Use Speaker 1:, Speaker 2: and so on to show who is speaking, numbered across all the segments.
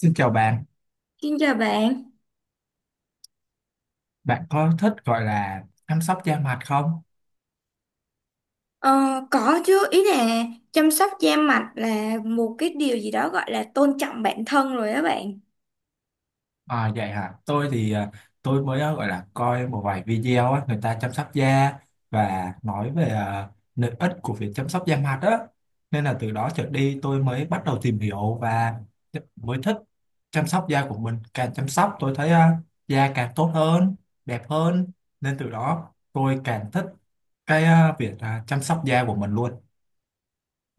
Speaker 1: Xin chào bạn,
Speaker 2: Xin chào bạn.
Speaker 1: bạn có thích gọi là chăm sóc da mặt không?
Speaker 2: Ờ, có chứ, ý là chăm sóc da mặt là một cái điều gì đó gọi là tôn trọng bản thân rồi đó bạn.
Speaker 1: À, vậy hả? Tôi thì tôi mới gọi là coi một vài video á, người ta chăm sóc da và nói về lợi ích của việc chăm sóc da mặt á. Nên là từ đó trở đi tôi mới bắt đầu tìm hiểu và mới thích chăm sóc da của mình. Càng chăm sóc tôi thấy da càng tốt hơn, đẹp hơn. Nên từ đó tôi càng thích việc chăm sóc da của mình luôn.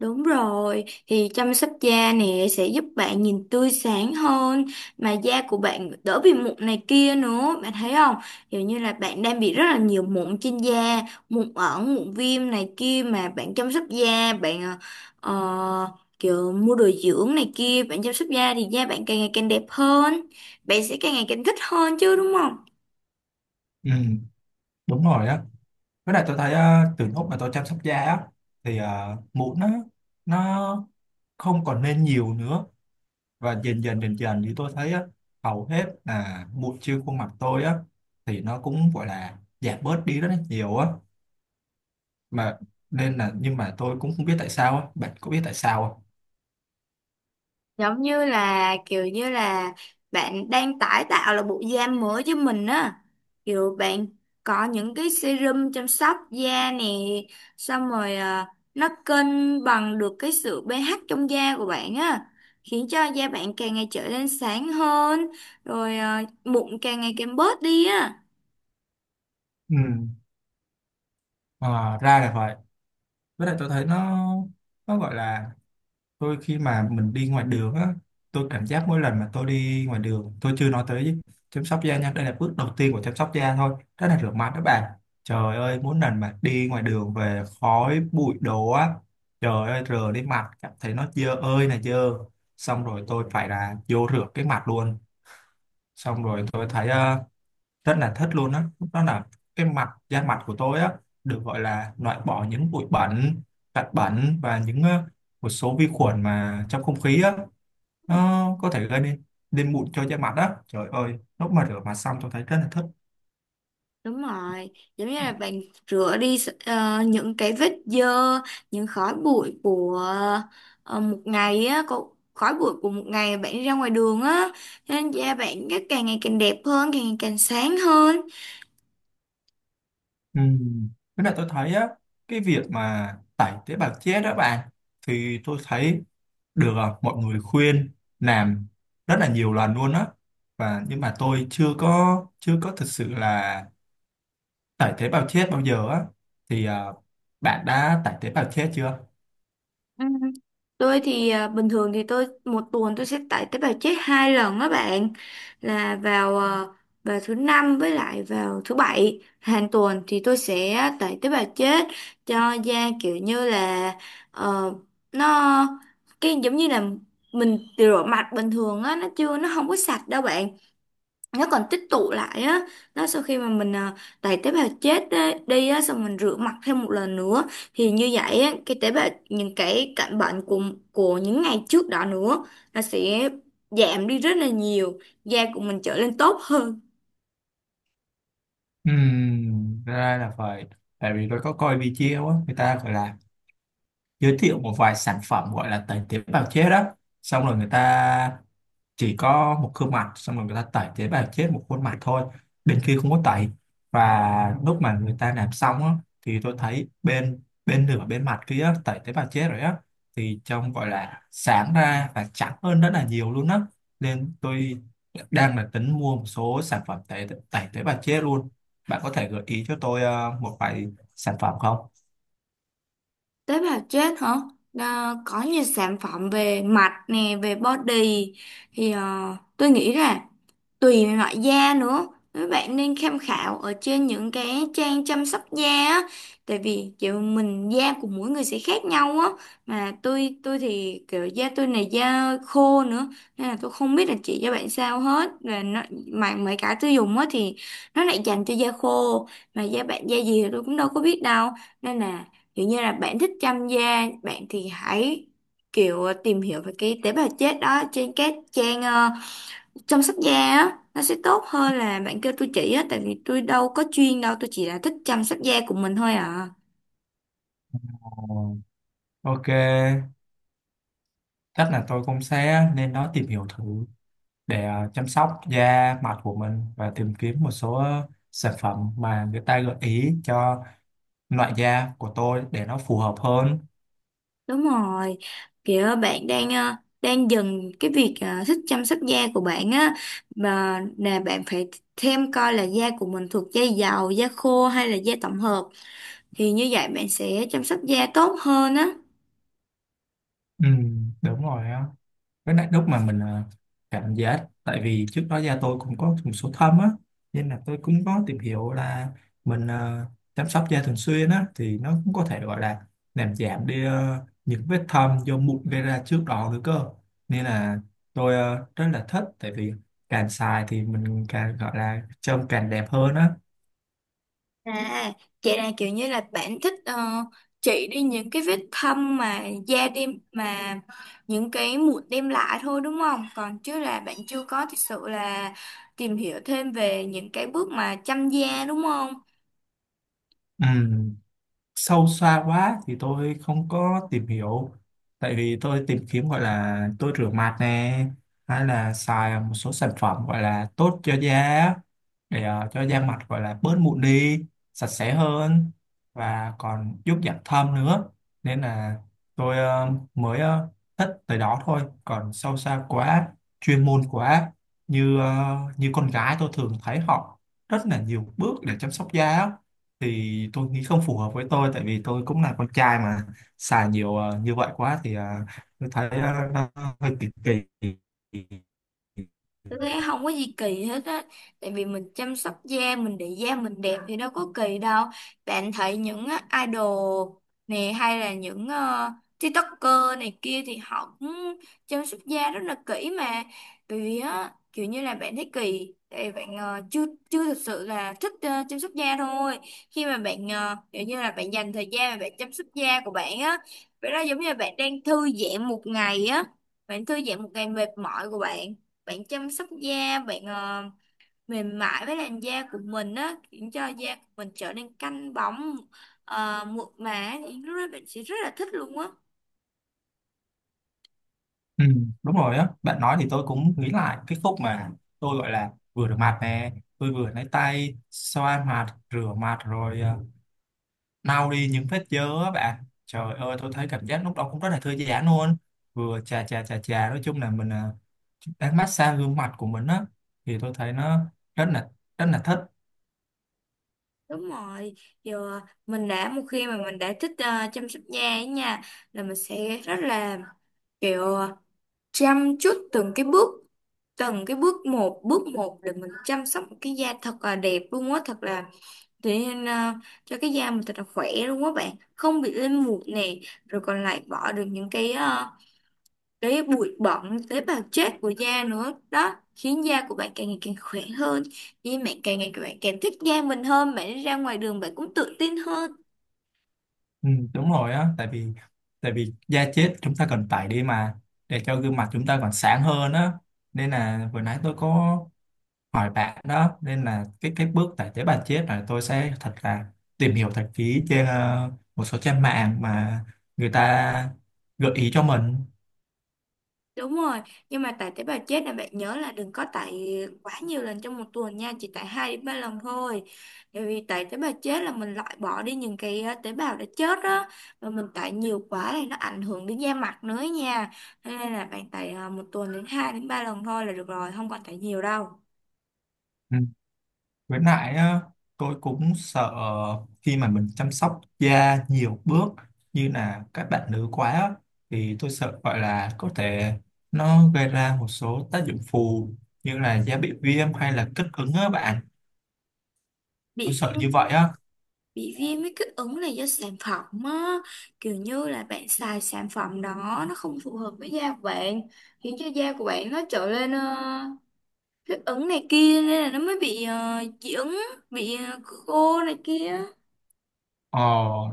Speaker 2: Đúng rồi, thì chăm sóc da nè sẽ giúp bạn nhìn tươi sáng hơn mà da của bạn đỡ bị mụn này kia nữa, bạn thấy không? Kiểu như là bạn đang bị rất là nhiều mụn trên da, mụn ẩn, mụn viêm này kia mà bạn chăm sóc da, ờ, kiểu mua đồ dưỡng này kia, bạn chăm sóc da thì da bạn càng ngày càng đẹp hơn, bạn sẽ càng ngày càng thích hơn chứ đúng không?
Speaker 1: Ừ, đúng rồi á. Với lại tôi thấy từ lúc mà tôi chăm sóc da á, thì mụn nó không còn lên nhiều nữa và dần dần dần dần thì tôi thấy á, hầu hết là mụn trên khuôn mặt tôi á thì nó cũng gọi là giảm bớt đi rất là nhiều á mà nên là nhưng mà tôi cũng không biết tại sao á, bạn có biết tại sao không?
Speaker 2: Giống như là kiểu như là bạn đang tái tạo là bộ da mới cho mình á, kiểu bạn có những cái serum chăm sóc da nè, xong rồi nó cân bằng được cái sự pH trong da của bạn á, khiến cho da bạn càng ngày trở nên sáng hơn, rồi mụn càng ngày càng bớt đi á.
Speaker 1: Ừ. Ờ, ra là vậy. Với lại tôi thấy nó gọi là tôi khi mà mình đi ngoài đường á, tôi cảm giác mỗi lần mà tôi đi ngoài đường tôi chưa nói tới chăm sóc da nha, đây là bước đầu tiên của chăm sóc da thôi, đó là rửa mặt đó bạn. Trời ơi, mỗi lần mà đi ngoài đường về khói bụi đồ á, trời ơi rửa lên mặt cảm thấy nó dơ ơi là dơ, xong rồi tôi phải là vô rửa cái mặt luôn. Xong rồi tôi thấy rất là thích luôn á đó. Là cái mặt da mặt của tôi á được gọi là loại bỏ những bụi bẩn, hạt bẩn và những một số vi khuẩn mà trong không khí á, nó có thể gây nên nên mụn cho da mặt á. Trời ơi lúc mà rửa mặt xong tôi thấy rất là thích.
Speaker 2: Đúng rồi, giống như là bạn rửa đi những cái vết dơ, những khói bụi của một ngày á, khói bụi của một ngày bạn đi ra ngoài đường á, cho nên da bạn cái càng ngày càng đẹp hơn, càng ngày càng sáng hơn.
Speaker 1: Ừ. Với lại tôi thấy á cái việc mà tẩy tế bào chết đó bạn, thì tôi thấy được mọi người khuyên làm rất là nhiều lần luôn á, và nhưng mà tôi chưa có thực sự là tải tế bào chết bao giờ á. Thì bạn đã tải tế bào chết chưa?
Speaker 2: Ừ. Tôi thì bình thường thì tôi một tuần tôi sẽ tải tế bào chết hai lần đó bạn, là vào vào thứ năm với lại vào thứ bảy hàng tuần thì tôi sẽ tải tế bào chết cho da, kiểu như là ờ, nó cái giống như là mình rửa mặt bình thường á, nó không có sạch đâu bạn, nó còn tích tụ lại á. Đó sau khi mà mình đẩy tế bào chết đi á xong mình rửa mặt thêm một lần nữa, thì như vậy á, cái tế bào những cái cạnh bệnh của những ngày trước đó nữa nó sẽ giảm đi rất là nhiều, da của mình trở lên tốt hơn.
Speaker 1: Ra là phải. Tại vì tôi có coi video á người ta gọi là giới thiệu một vài sản phẩm gọi là tẩy tế bào chết đó, xong rồi người ta chỉ có một gương mặt, xong rồi người ta tẩy tế bào chết một khuôn mặt thôi, bên kia không có tẩy. Và lúc mà người ta làm xong á, thì tôi thấy bên bên nửa bên mặt kia á, tẩy tế bào chết rồi á, thì trông gọi là sáng ra và trắng hơn rất là nhiều luôn á. Nên tôi đang là tính mua một số sản phẩm tẩy tẩy tế bào chết luôn. Bạn có thể gợi ý cho tôi một vài sản phẩm không?
Speaker 2: Tế bào chết hả? Đó, có nhiều sản phẩm về mặt nè về body thì tôi nghĩ là tùy loại da nữa, các bạn nên tham khảo ở trên những cái trang chăm sóc da á, tại vì kiểu mình da của mỗi người sẽ khác nhau á. Mà tôi thì kiểu da tôi này da khô nữa, nên là tôi không biết là chị cho bạn sao hết, và nó mà mấy cái tôi dùng á thì nó lại dành cho da khô, mà da bạn da gì thì tôi cũng đâu có biết đâu, nên là kiểu như là bạn thích chăm da bạn thì hãy kiểu tìm hiểu về cái tế bào chết đó trên các trang chăm sóc da á, nó sẽ tốt hơn là bạn kêu tôi chỉ á, tại vì tôi đâu có chuyên đâu, tôi chỉ là thích chăm sóc da của mình thôi à.
Speaker 1: Ờ, ok, chắc là tôi cũng sẽ lên đó tìm hiểu thử để chăm sóc da mặt của mình và tìm kiếm một số sản phẩm mà người ta gợi ý cho loại da của tôi để nó phù hợp hơn.
Speaker 2: Đúng rồi, kiểu bạn đang đang dần cái việc thích chăm sóc da của bạn á, mà là bạn phải thêm coi là da của mình thuộc da dầu da khô hay là da tổng hợp, thì như vậy bạn sẽ chăm sóc da tốt hơn á.
Speaker 1: Ừ, đúng rồi á. Cái này lúc mà mình cảm giác tại vì trước đó da tôi cũng có một số thâm á, nên là tôi cũng có tìm hiểu là mình chăm sóc da thường xuyên á thì nó cũng có thể gọi là làm giảm đi những vết thâm do mụn gây ra trước đó nữa cơ. Nên là tôi rất là thích, tại vì càng xài thì mình càng gọi là trông càng đẹp hơn á.
Speaker 2: À, vậy là kiểu như là bạn thích chỉ đi những cái vết thâm mà da đem mà những cái mụn đem lại thôi đúng không? Còn chứ là bạn chưa có thực sự là tìm hiểu thêm về những cái bước mà chăm da đúng không?
Speaker 1: Ừ. Sâu xa quá thì tôi không có tìm hiểu, tại vì tôi tìm kiếm gọi là tôi rửa mặt nè, hay là xài một số sản phẩm gọi là tốt cho da để cho da mặt gọi là bớt mụn đi, sạch sẽ hơn và còn giúp giảm thâm nữa. Nên là tôi mới thích tới đó thôi, còn sâu xa quá, chuyên môn quá, như như con gái tôi thường thấy họ rất là nhiều bước để chăm sóc da á. Thì tôi nghĩ không phù hợp với tôi, tại vì tôi cũng là con trai mà, xài nhiều như vậy quá thì tôi thấy hơi.
Speaker 2: Tôi thấy không có gì kỳ hết á. Tại vì mình chăm sóc da mình để da mình đẹp thì đâu có kỳ đâu. Bạn thấy những á, idol này hay là những TikToker này kia thì họ cũng chăm sóc da rất là kỹ mà. Bởi vì á kiểu như là bạn thấy kỳ tại vì bạn ờ, chưa chưa thực sự là thích chăm sóc da thôi. Khi mà bạn kiểu như là bạn dành thời gian mà bạn chăm sóc da của bạn á, vậy đó giống như là bạn đang thư giãn một ngày á. Bạn thư giãn một ngày mệt mỏi của bạn, bạn chăm sóc da bạn mềm mại với làn da của mình á, khiến cho da của mình trở nên căng bóng mượt mà, thì lúc đó bạn sẽ rất là thích luôn á.
Speaker 1: Ừ, đúng rồi á, bạn nói thì tôi cũng nghĩ lại cái khúc mà tôi gọi là vừa rửa mặt nè, tôi vừa lấy tay xoa mặt rửa mặt rồi lau đi những vết dơ á bạn. Trời ơi tôi thấy cảm giác lúc đó cũng rất là thư giãn luôn, vừa chà chà chà chà, nói chung là mình đang massage gương mặt của mình á, thì tôi thấy nó rất là rất là thích.
Speaker 2: Đúng rồi, giờ mình đã một khi mà mình đã thích chăm sóc da ấy nha, là mình sẽ rất là kiểu chăm chút từng cái bước, từng cái bước một để mình chăm sóc một cái da thật là đẹp luôn á, thật là thế nên cho cái da mình thật là khỏe luôn á bạn. Không bị lên mụn nè, rồi còn lại bỏ được những cái cái bụi bẩn tế bào chết của da nữa. Đó khiến da của bạn càng ngày càng khỏe hơn, vì bạn càng ngày các bạn càng thích da mình hơn, bạn đi ra ngoài đường bạn cũng tự tin hơn.
Speaker 1: Ừ, đúng rồi á, tại vì da chết chúng ta cần tẩy đi mà, để cho gương mặt chúng ta còn sáng hơn á. Nên là vừa nãy tôi có hỏi bạn đó, nên là cái bước tải tế bào chết là tôi sẽ thật là tìm hiểu thật kỹ trên một số trang mạng mà người ta gợi ý cho mình.
Speaker 2: Đúng rồi, nhưng mà tải tế bào chết là bạn nhớ là đừng có tải quá nhiều lần trong một tuần nha, chỉ tải 2 đến 3 lần thôi. Bởi vì tải tế bào chết là mình loại bỏ đi những cái tế bào đã chết đó, và mình tải nhiều quá thì nó ảnh hưởng đến da mặt nữa nha. Cho nên là bạn tải một tuần đến hai đến 3 lần thôi là được rồi, không còn tải nhiều đâu.
Speaker 1: Ừ. Với lại á, tôi cũng sợ khi mà mình chăm sóc da nhiều bước như là các bạn nữ quá á, thì tôi sợ gọi là có thể nó gây ra một số tác dụng phụ như là da bị viêm hay là kích ứng á bạn, tôi
Speaker 2: Bị
Speaker 1: sợ như
Speaker 2: viêm,
Speaker 1: vậy á.
Speaker 2: bị viêm với kích ứng là do sản phẩm á, kiểu như là bạn xài sản phẩm đó nó không phù hợp với da của bạn, khiến cho da của bạn nó trở lên thích ứng này kia, nên là nó mới bị dị ứng, bị khô này kia.
Speaker 1: Ờ,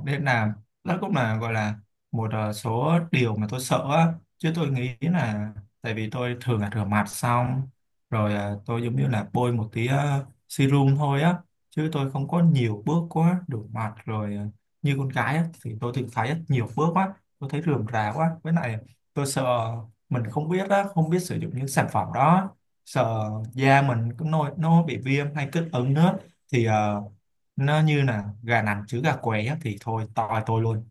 Speaker 1: nên là đó cũng là gọi là một số điều mà tôi sợ á. Chứ tôi nghĩ là tại vì tôi thường là rửa mặt xong rồi tôi giống như là bôi một tí serum thôi á. Chứ tôi không có nhiều bước quá, rửa mặt rồi như con gái á, thì tôi thường thấy á nhiều bước quá. Tôi thấy rườm rà quá. Với lại tôi sợ mình không biết á, không biết sử dụng những sản phẩm đó. Sợ da mình cứ nổi nó bị viêm hay kích ứng nữa. Thì nó như là gà nằm chứ gà qué á, thì thôi toi tôi luôn.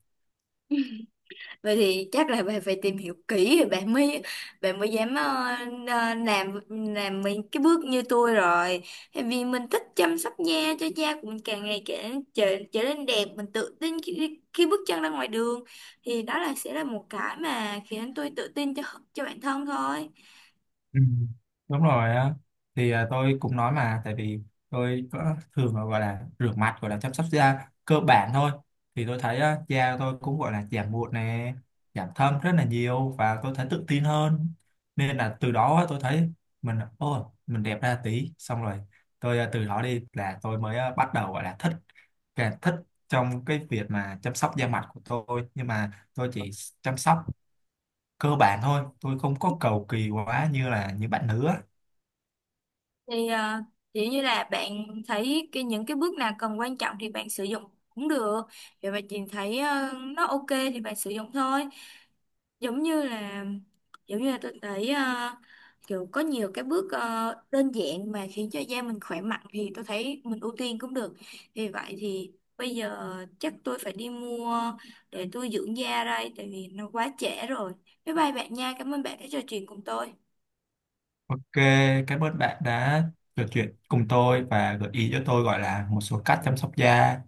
Speaker 2: Vậy thì chắc là bạn phải tìm hiểu kỹ rồi bạn mới dám làm mấy cái bước như tôi rồi. Tại vì mình thích chăm sóc da cho da của mình càng ngày càng trở nên đẹp, mình tự tin khi bước chân ra ngoài đường, thì đó là sẽ là một cái mà khiến tôi tự tin cho bản thân thôi.
Speaker 1: Ừ, đúng rồi á. Thì tôi cũng nói mà tại vì tôi có thường là gọi là rửa mặt gọi là chăm sóc da cơ bản thôi, thì tôi thấy á da tôi cũng gọi là giảm mụn nè, giảm thâm rất là nhiều và tôi thấy tự tin hơn. Nên là từ đó á, tôi thấy mình ô mình đẹp ra tí, xong rồi tôi từ đó đi là tôi mới bắt đầu gọi là thích, càng thích trong cái việc mà chăm sóc da mặt của tôi. Nhưng mà tôi chỉ chăm sóc cơ bản thôi, tôi không có cầu kỳ quá như là như bạn nữa.
Speaker 2: Thì chỉ như là bạn thấy cái những cái bước nào cần quan trọng thì bạn sử dụng cũng được, vậy mà chị thấy nó ok thì bạn sử dụng thôi. Giống như là tôi thấy kiểu có nhiều cái bước đơn giản mà khiến cho da mình khỏe mạnh thì tôi thấy mình ưu tiên cũng được. Vì vậy thì bây giờ chắc tôi phải đi mua để tôi dưỡng da đây, tại vì nó quá trễ rồi. Bye bye bạn nha, cảm ơn bạn đã trò chuyện cùng tôi.
Speaker 1: Ok, cảm ơn bạn đã trò chuyện cùng tôi và gợi ý cho tôi gọi là một số cách chăm sóc da.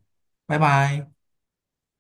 Speaker 1: Bye bye.